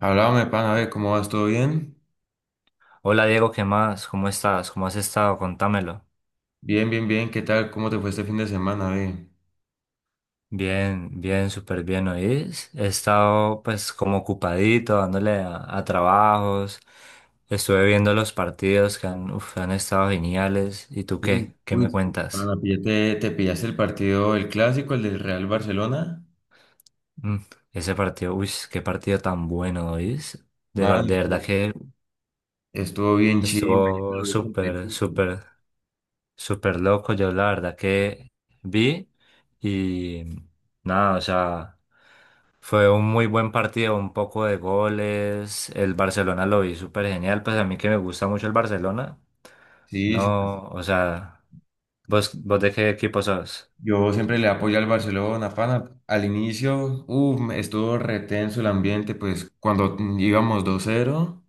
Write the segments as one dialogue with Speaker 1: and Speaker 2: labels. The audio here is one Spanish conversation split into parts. Speaker 1: Háblame, pana, ve, ¿cómo vas? ¿Todo bien?
Speaker 2: Hola Diego, ¿qué más? ¿Cómo estás? ¿Cómo has estado? Contámelo.
Speaker 1: Bien, bien, bien, ¿qué tal? ¿Cómo te fue este fin de semana, ve?
Speaker 2: Bien, bien, súper bien, ¿oís? He estado pues como ocupadito, dándole a trabajos. Estuve viendo los partidos que han, uf, han estado geniales. ¿Y tú
Speaker 1: Uy,
Speaker 2: qué? ¿Qué
Speaker 1: uy,
Speaker 2: me
Speaker 1: sí,
Speaker 2: cuentas?
Speaker 1: pana, ¿Te pillaste el partido, el clásico, el del Real Barcelona?
Speaker 2: Mm, ese partido, uy, qué partido tan bueno, ¿oís? De, ver-
Speaker 1: Man,
Speaker 2: de verdad
Speaker 1: estuvo,
Speaker 2: que
Speaker 1: estuvo bien chimba, yo me
Speaker 2: estuvo
Speaker 1: lo vi
Speaker 2: súper,
Speaker 1: completico.
Speaker 2: súper, súper loco. Yo la verdad que vi y nada, o sea... Fue un muy buen partido, un poco de goles. El Barcelona lo vi súper genial. Pues a mí que me gusta mucho el Barcelona.
Speaker 1: Sí, sí, pues,
Speaker 2: No, o sea, ¿vos de qué equipo sos?
Speaker 1: yo siempre le apoyo al Barcelona, pana. Al inicio, uff, estuvo retenso el ambiente, pues cuando íbamos 2-0,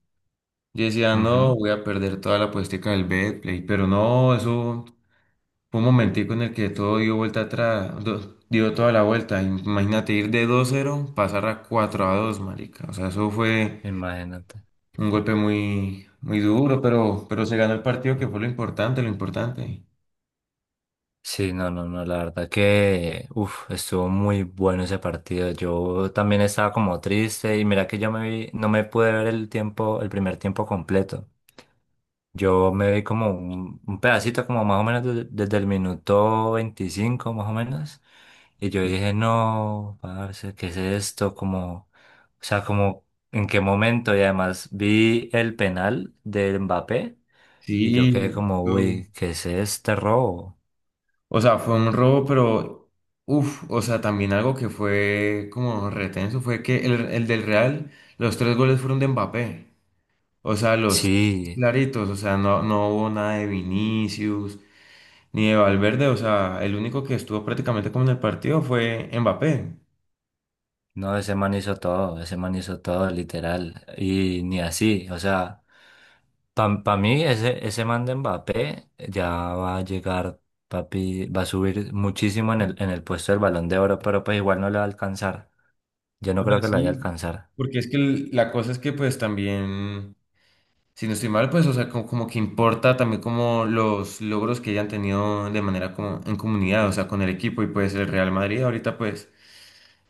Speaker 1: yo decía,
Speaker 2: Ujú.
Speaker 1: no, voy a perder toda la puestica del Betplay, pero no, eso fue un momentico en el que todo dio vuelta atrás, dio toda la vuelta. Imagínate ir de 2-0, pasar a 4-2, marica. O sea, eso fue
Speaker 2: Imagínate.
Speaker 1: un golpe muy, muy duro, pero se ganó el partido, que fue lo importante, lo importante.
Speaker 2: Sí, no, no, no, la verdad que, uf, estuvo muy bueno ese partido. Yo también estaba como triste y mira que yo me vi, no me pude ver el tiempo, el primer tiempo completo. Yo me vi como un pedacito, como más o menos desde el minuto 25 más o menos. Y yo dije, no, parce, ¿qué es esto? Como, o sea, como, ¿en qué momento? Y además vi el penal de Mbappé y yo
Speaker 1: Sí,
Speaker 2: quedé como,
Speaker 1: yo-
Speaker 2: uy, ¿qué es este robo?
Speaker 1: o sea, fue un robo, pero, uff, o sea, también algo que fue como retenso fue que el del Real, los tres goles fueron de Mbappé. O sea, los
Speaker 2: Sí,
Speaker 1: claritos, o sea, no, no hubo nada de Vinicius, ni de Valverde, o sea, el único que estuvo prácticamente como en el partido fue Mbappé.
Speaker 2: no, ese man hizo todo, ese man hizo todo, literal. Y ni así, o sea. Para mí, ese man de Mbappé ya va a llegar, papi, va a subir muchísimo en el puesto del Balón de Oro, pero pues igual no le va a alcanzar. Yo no
Speaker 1: O
Speaker 2: creo
Speaker 1: sea,
Speaker 2: que le vaya a
Speaker 1: sí.
Speaker 2: alcanzar.
Speaker 1: Porque es que la cosa es que pues también, si no estoy mal, pues, o sea, como que importa también como los logros que hayan tenido de manera como en comunidad, o sea, con el equipo, y pues el Real Madrid ahorita pues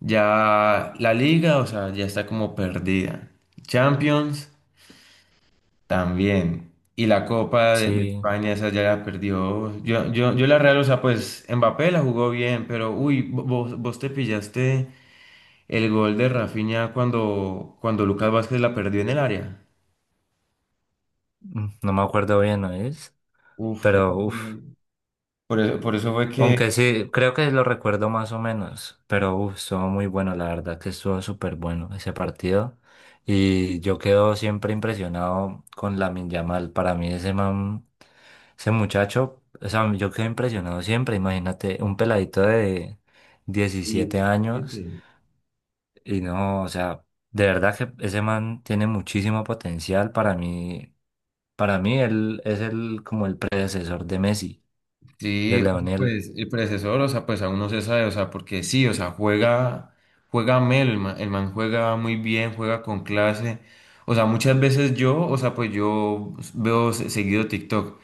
Speaker 1: ya la liga, o sea, ya está como perdida. Champions. También. Y la Copa de
Speaker 2: Sí,
Speaker 1: España, esa ya la perdió. Yo la Real, o sea, pues Mbappé la jugó bien, pero uy, vos te pillaste el gol de Rafinha cuando Lucas Vázquez la perdió en el área.
Speaker 2: mm, no me acuerdo bien, ¿no es?
Speaker 1: Uf, eso
Speaker 2: Pero, uff.
Speaker 1: fue- por eso fue que...
Speaker 2: Aunque sí, creo que lo recuerdo más o menos, pero uf, estuvo muy bueno, la verdad que estuvo súper bueno ese partido. Y yo quedo siempre impresionado con Lamine Yamal. Para mí ese man, ese muchacho, o sea, yo quedo impresionado siempre. Imagínate, un peladito de diecisiete
Speaker 1: Sí, sí,
Speaker 2: años
Speaker 1: sí.
Speaker 2: y no, o sea, de verdad que ese man tiene muchísimo potencial. Para mí él es el como el predecesor de Messi, de
Speaker 1: Sí, o sea,
Speaker 2: Leonel.
Speaker 1: pues el predecesor, o sea, pues aún no se sabe, o sea, porque sí, o sea, juega Mel, el man juega muy bien, juega con clase, o sea, muchas veces yo, o sea, pues yo veo seguido TikTok,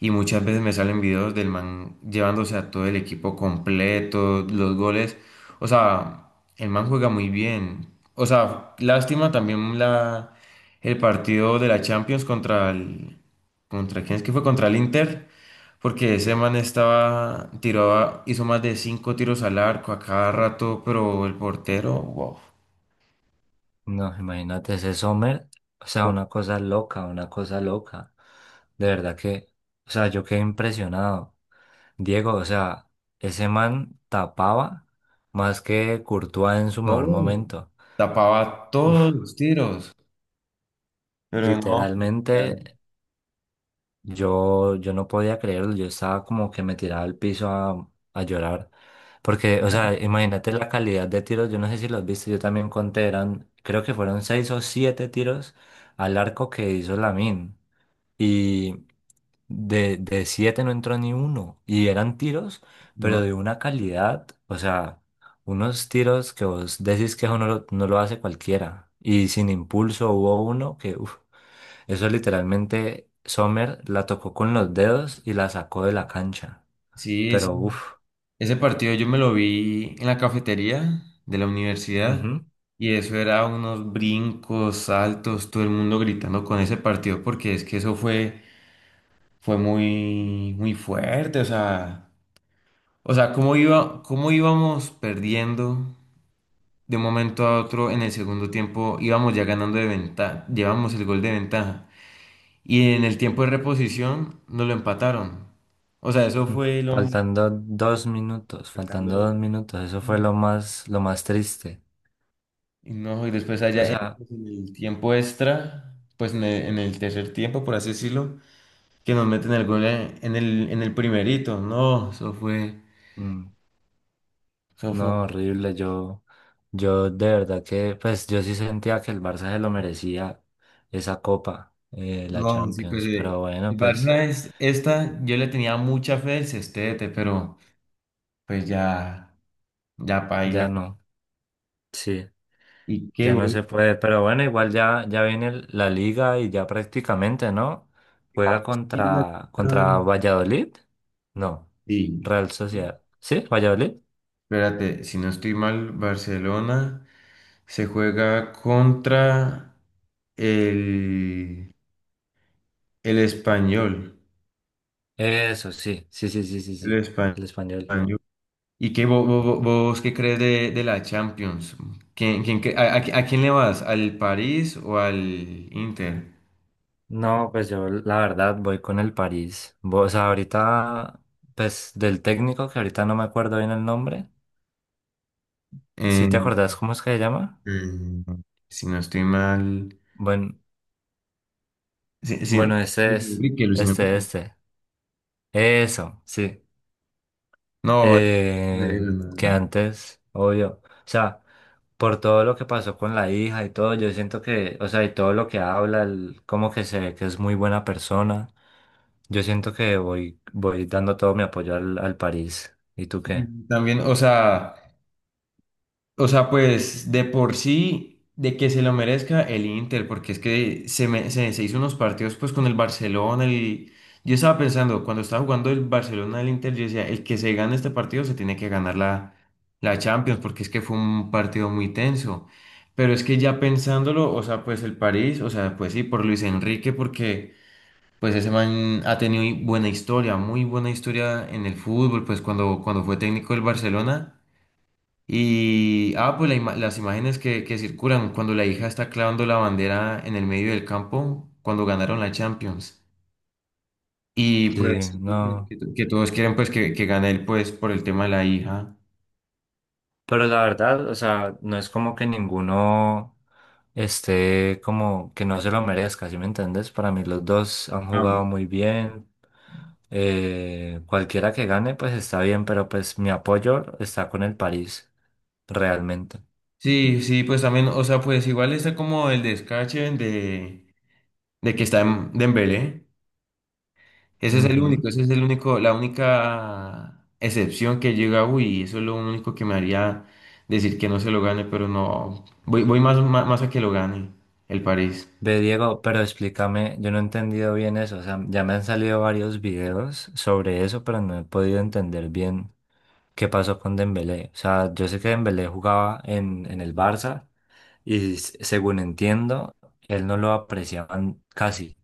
Speaker 1: y muchas veces me salen videos del man llevándose a todo el equipo completo, los goles, o sea, el man juega muy bien, o sea, lástima también la, el partido de la Champions contra el, contra, ¿quién es que fue? Contra el Inter. Porque ese man estaba, tiraba, hizo más de cinco tiros al arco a cada rato, pero el portero, wow,
Speaker 2: No, imagínate ese Sommer, o sea, una cosa loca, una cosa loca. De verdad que, o sea, yo quedé impresionado. Diego, o sea, ese man tapaba más que Courtois en su mejor
Speaker 1: todo,
Speaker 2: momento.
Speaker 1: tapaba
Speaker 2: Uf,
Speaker 1: todos los tiros. Pero no,
Speaker 2: literalmente
Speaker 1: ya,
Speaker 2: yo no podía creerlo, yo estaba como que me tiraba al piso a llorar. Porque, o sea, imagínate la calidad de tiros, yo no sé si los viste, yo también conté, eran, creo que fueron 6 o 7 tiros al arco que hizo Lamine. Y de 7 no entró ni uno. Y eran tiros, pero
Speaker 1: no.
Speaker 2: de una calidad, o sea, unos tiros que vos decís que eso no lo hace cualquiera. Y sin impulso hubo uno que, uf, eso literalmente Sommer la tocó con los dedos y la sacó de la cancha.
Speaker 1: Sí, ese,
Speaker 2: Pero uff,
Speaker 1: ese partido yo me lo vi en la cafetería de la universidad, y eso era unos brincos, saltos, todo el mundo gritando con ese partido porque es que eso fue muy, muy fuerte, o sea. O sea, ¿cómo iba, cómo íbamos perdiendo de un momento a otro en el segundo tiempo? Íbamos ya ganando de ventaja, llevamos el gol de ventaja. Y en el tiempo de reposición nos lo empataron. O sea, eso
Speaker 2: mm.
Speaker 1: fue lo...
Speaker 2: Faltando 2 minutos,
Speaker 1: faltando
Speaker 2: faltando 2 minutos, eso fue
Speaker 1: unos-
Speaker 2: lo más triste.
Speaker 1: Y no, y después
Speaker 2: O
Speaker 1: allá en
Speaker 2: sea,
Speaker 1: pues, en el tiempo extra, pues en el tercer tiempo, por así decirlo, que nos meten el gol en el primerito. No, eso fue...
Speaker 2: mm,
Speaker 1: Eso fue.
Speaker 2: no, horrible. Yo de verdad que, pues yo sí sentía que el Barça se lo merecía esa copa, la
Speaker 1: No, sí, pues
Speaker 2: Champions. Pero
Speaker 1: el
Speaker 2: bueno, pues
Speaker 1: Barcelona es esta, yo le tenía mucha fe al Cestete, pero pues ya, ya
Speaker 2: ya
Speaker 1: paila.
Speaker 2: no. Sí,
Speaker 1: ¿Y qué,
Speaker 2: ya no se
Speaker 1: gol?
Speaker 2: puede. Pero bueno, igual ya, ya viene el- la liga y ya prácticamente, ¿no? Juega
Speaker 1: y la-
Speaker 2: contra
Speaker 1: ah,
Speaker 2: Valladolid. No,
Speaker 1: sí.
Speaker 2: Real Sociedad. ¿Sí? ¿Valladolid?
Speaker 1: Espérate, si no estoy mal, Barcelona se juega contra el, el español.
Speaker 2: Eso, sí, sí, sí, sí, sí,
Speaker 1: El
Speaker 2: sí.
Speaker 1: español.
Speaker 2: El español.
Speaker 1: ¿Y qué vos, qué crees de la Champions? ¿Quién, quién cre- a- A quién le vas? ¿Al París o al Inter?
Speaker 2: No, pues yo la verdad voy con el París. Vo- O sea, ahorita, pues del técnico, que ahorita no me acuerdo bien el nombre. ¿Sí
Speaker 1: Eh,
Speaker 2: te acordás cómo es que se llama?
Speaker 1: eh, si no estoy mal.
Speaker 2: Bueno,
Speaker 1: Sí, sí,
Speaker 2: bueno, ese
Speaker 1: Luis
Speaker 2: es,
Speaker 1: Enrique, Luis
Speaker 2: este,
Speaker 1: Enrique.
Speaker 2: este. Eso, sí.
Speaker 1: No,
Speaker 2: Eh, que
Speaker 1: le-
Speaker 2: antes, obvio. O sea, por todo lo que pasó con la hija y todo, yo siento que, o sea, y todo lo que habla, el- como que se ve que es muy buena persona. Yo siento que voy dando todo mi apoyo al París. ¿Y tú qué?
Speaker 1: sí, también, o sea. O sea, pues de por sí, de que se lo merezca el Inter, porque es que se hizo unos partidos pues con el Barcelona. El... Yo estaba pensando, cuando estaba jugando el Barcelona al Inter, yo decía, el que se gane este partido se tiene que ganar la Champions, porque es que fue un partido muy tenso. Pero es que ya pensándolo, o sea, pues el París, o sea, pues sí, por Luis Enrique, porque pues ese man ha tenido buena historia, muy buena historia en el fútbol, pues cuando fue técnico del Barcelona. Y, ah, pues la las imágenes que circulan cuando la hija está clavando la bandera en el medio del campo, cuando ganaron la Champions. Y pues
Speaker 2: Sí,
Speaker 1: sí, pues,
Speaker 2: no.
Speaker 1: que todos quieren pues que gane él pues por el tema de la hija.
Speaker 2: Pero la verdad, o sea, no es como que ninguno esté como que no se lo merezca, ¿sí me entiendes? Para mí los dos han jugado
Speaker 1: Ambos.
Speaker 2: muy bien. Cualquiera que gane, pues está bien, pero pues mi apoyo está con el París, realmente.
Speaker 1: Sí, sí, pues también, o sea, pues igual está como el descache de que está en Dembélé. Ese es el
Speaker 2: Ujú.
Speaker 1: único, ese es el único, la única excepción que llega, uy, eso es lo único que me haría decir que no se lo gane, pero no, voy más, más, más a que lo gane el París.
Speaker 2: Ve, Diego, pero explícame, yo no he entendido bien eso, o sea, ya me han salido varios videos sobre eso, pero no he podido entender bien ¿qué pasó con Dembélé? O sea, yo sé que Dembélé jugaba en el Barça y s- según entiendo, él no lo apreciaban casi.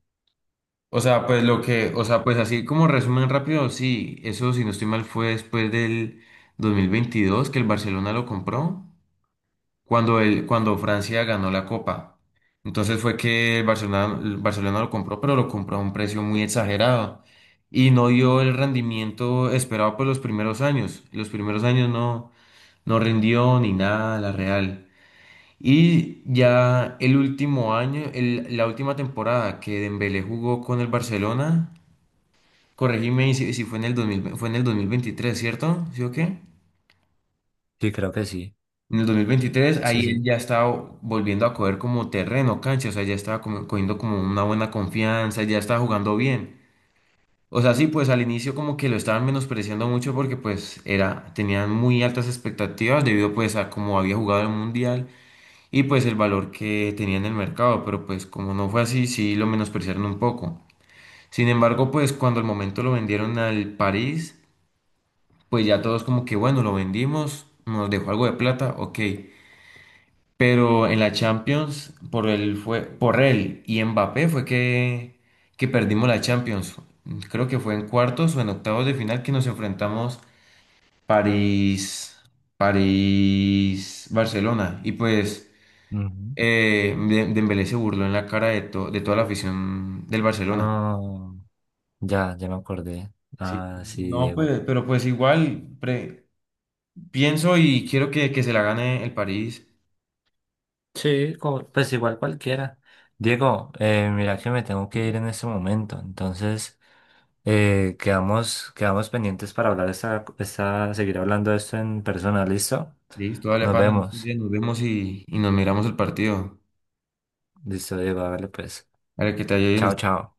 Speaker 1: O sea, pues lo que, o sea, pues así como resumen rápido, sí, eso si no estoy mal fue después del 2022 que el Barcelona lo compró. Cuando Francia ganó la Copa. Entonces fue que el Barcelona lo compró, pero lo compró a un precio muy exagerado, y no dio el rendimiento esperado por los primeros años. Los primeros años no, no rindió ni nada la Real. Y ya el último año, la última temporada que Dembélé jugó con el Barcelona, corregime y si fue en el 2000 fue en el 2023, ¿cierto? ¿Sí o qué?
Speaker 2: Sí, creo que sí.
Speaker 1: En el 2023 ahí
Speaker 2: Sí,
Speaker 1: él
Speaker 2: sí.
Speaker 1: ya estaba volviendo a coger como terreno, cancha, o sea, ya estaba como, cogiendo como una buena confianza, ya estaba jugando bien. O sea, sí, pues al inicio como que lo estaban menospreciando mucho porque pues era, tenían muy altas expectativas debido pues a cómo había jugado el Mundial, y pues el valor que tenía en el mercado, pero pues como no fue así, sí lo menospreciaron un poco. Sin embargo, pues cuando al momento lo vendieron al París, pues ya todos como que bueno, lo vendimos, nos dejó algo de plata, ok. Pero en la Champions, por él fue, por él y Mbappé fue que perdimos la Champions. Creo que fue en cuartos o en octavos de final que nos enfrentamos París, Barcelona. Y pues
Speaker 2: Ujú.
Speaker 1: Dembélé se burló en la cara de toda la afición del Barcelona.
Speaker 2: Ah, ya, ya me acordé.
Speaker 1: Sí.
Speaker 2: Ah, sí,
Speaker 1: No,
Speaker 2: Diego.
Speaker 1: pues, pero pues igual pienso y quiero que se la gane el París.
Speaker 2: Sí, como- pues igual cualquiera. Diego, mira que me tengo que ir en este momento, entonces quedamos, quedamos pendientes para hablar esta, seguir hablando de esto en persona, ¿listo?
Speaker 1: Listo, dale,
Speaker 2: Nos
Speaker 1: pana, en estos
Speaker 2: vemos.
Speaker 1: días nos vemos y nos miramos el partido.
Speaker 2: Listo, Diego, hágale pues.
Speaker 1: Para que te
Speaker 2: Chao,
Speaker 1: ayuden
Speaker 2: chao.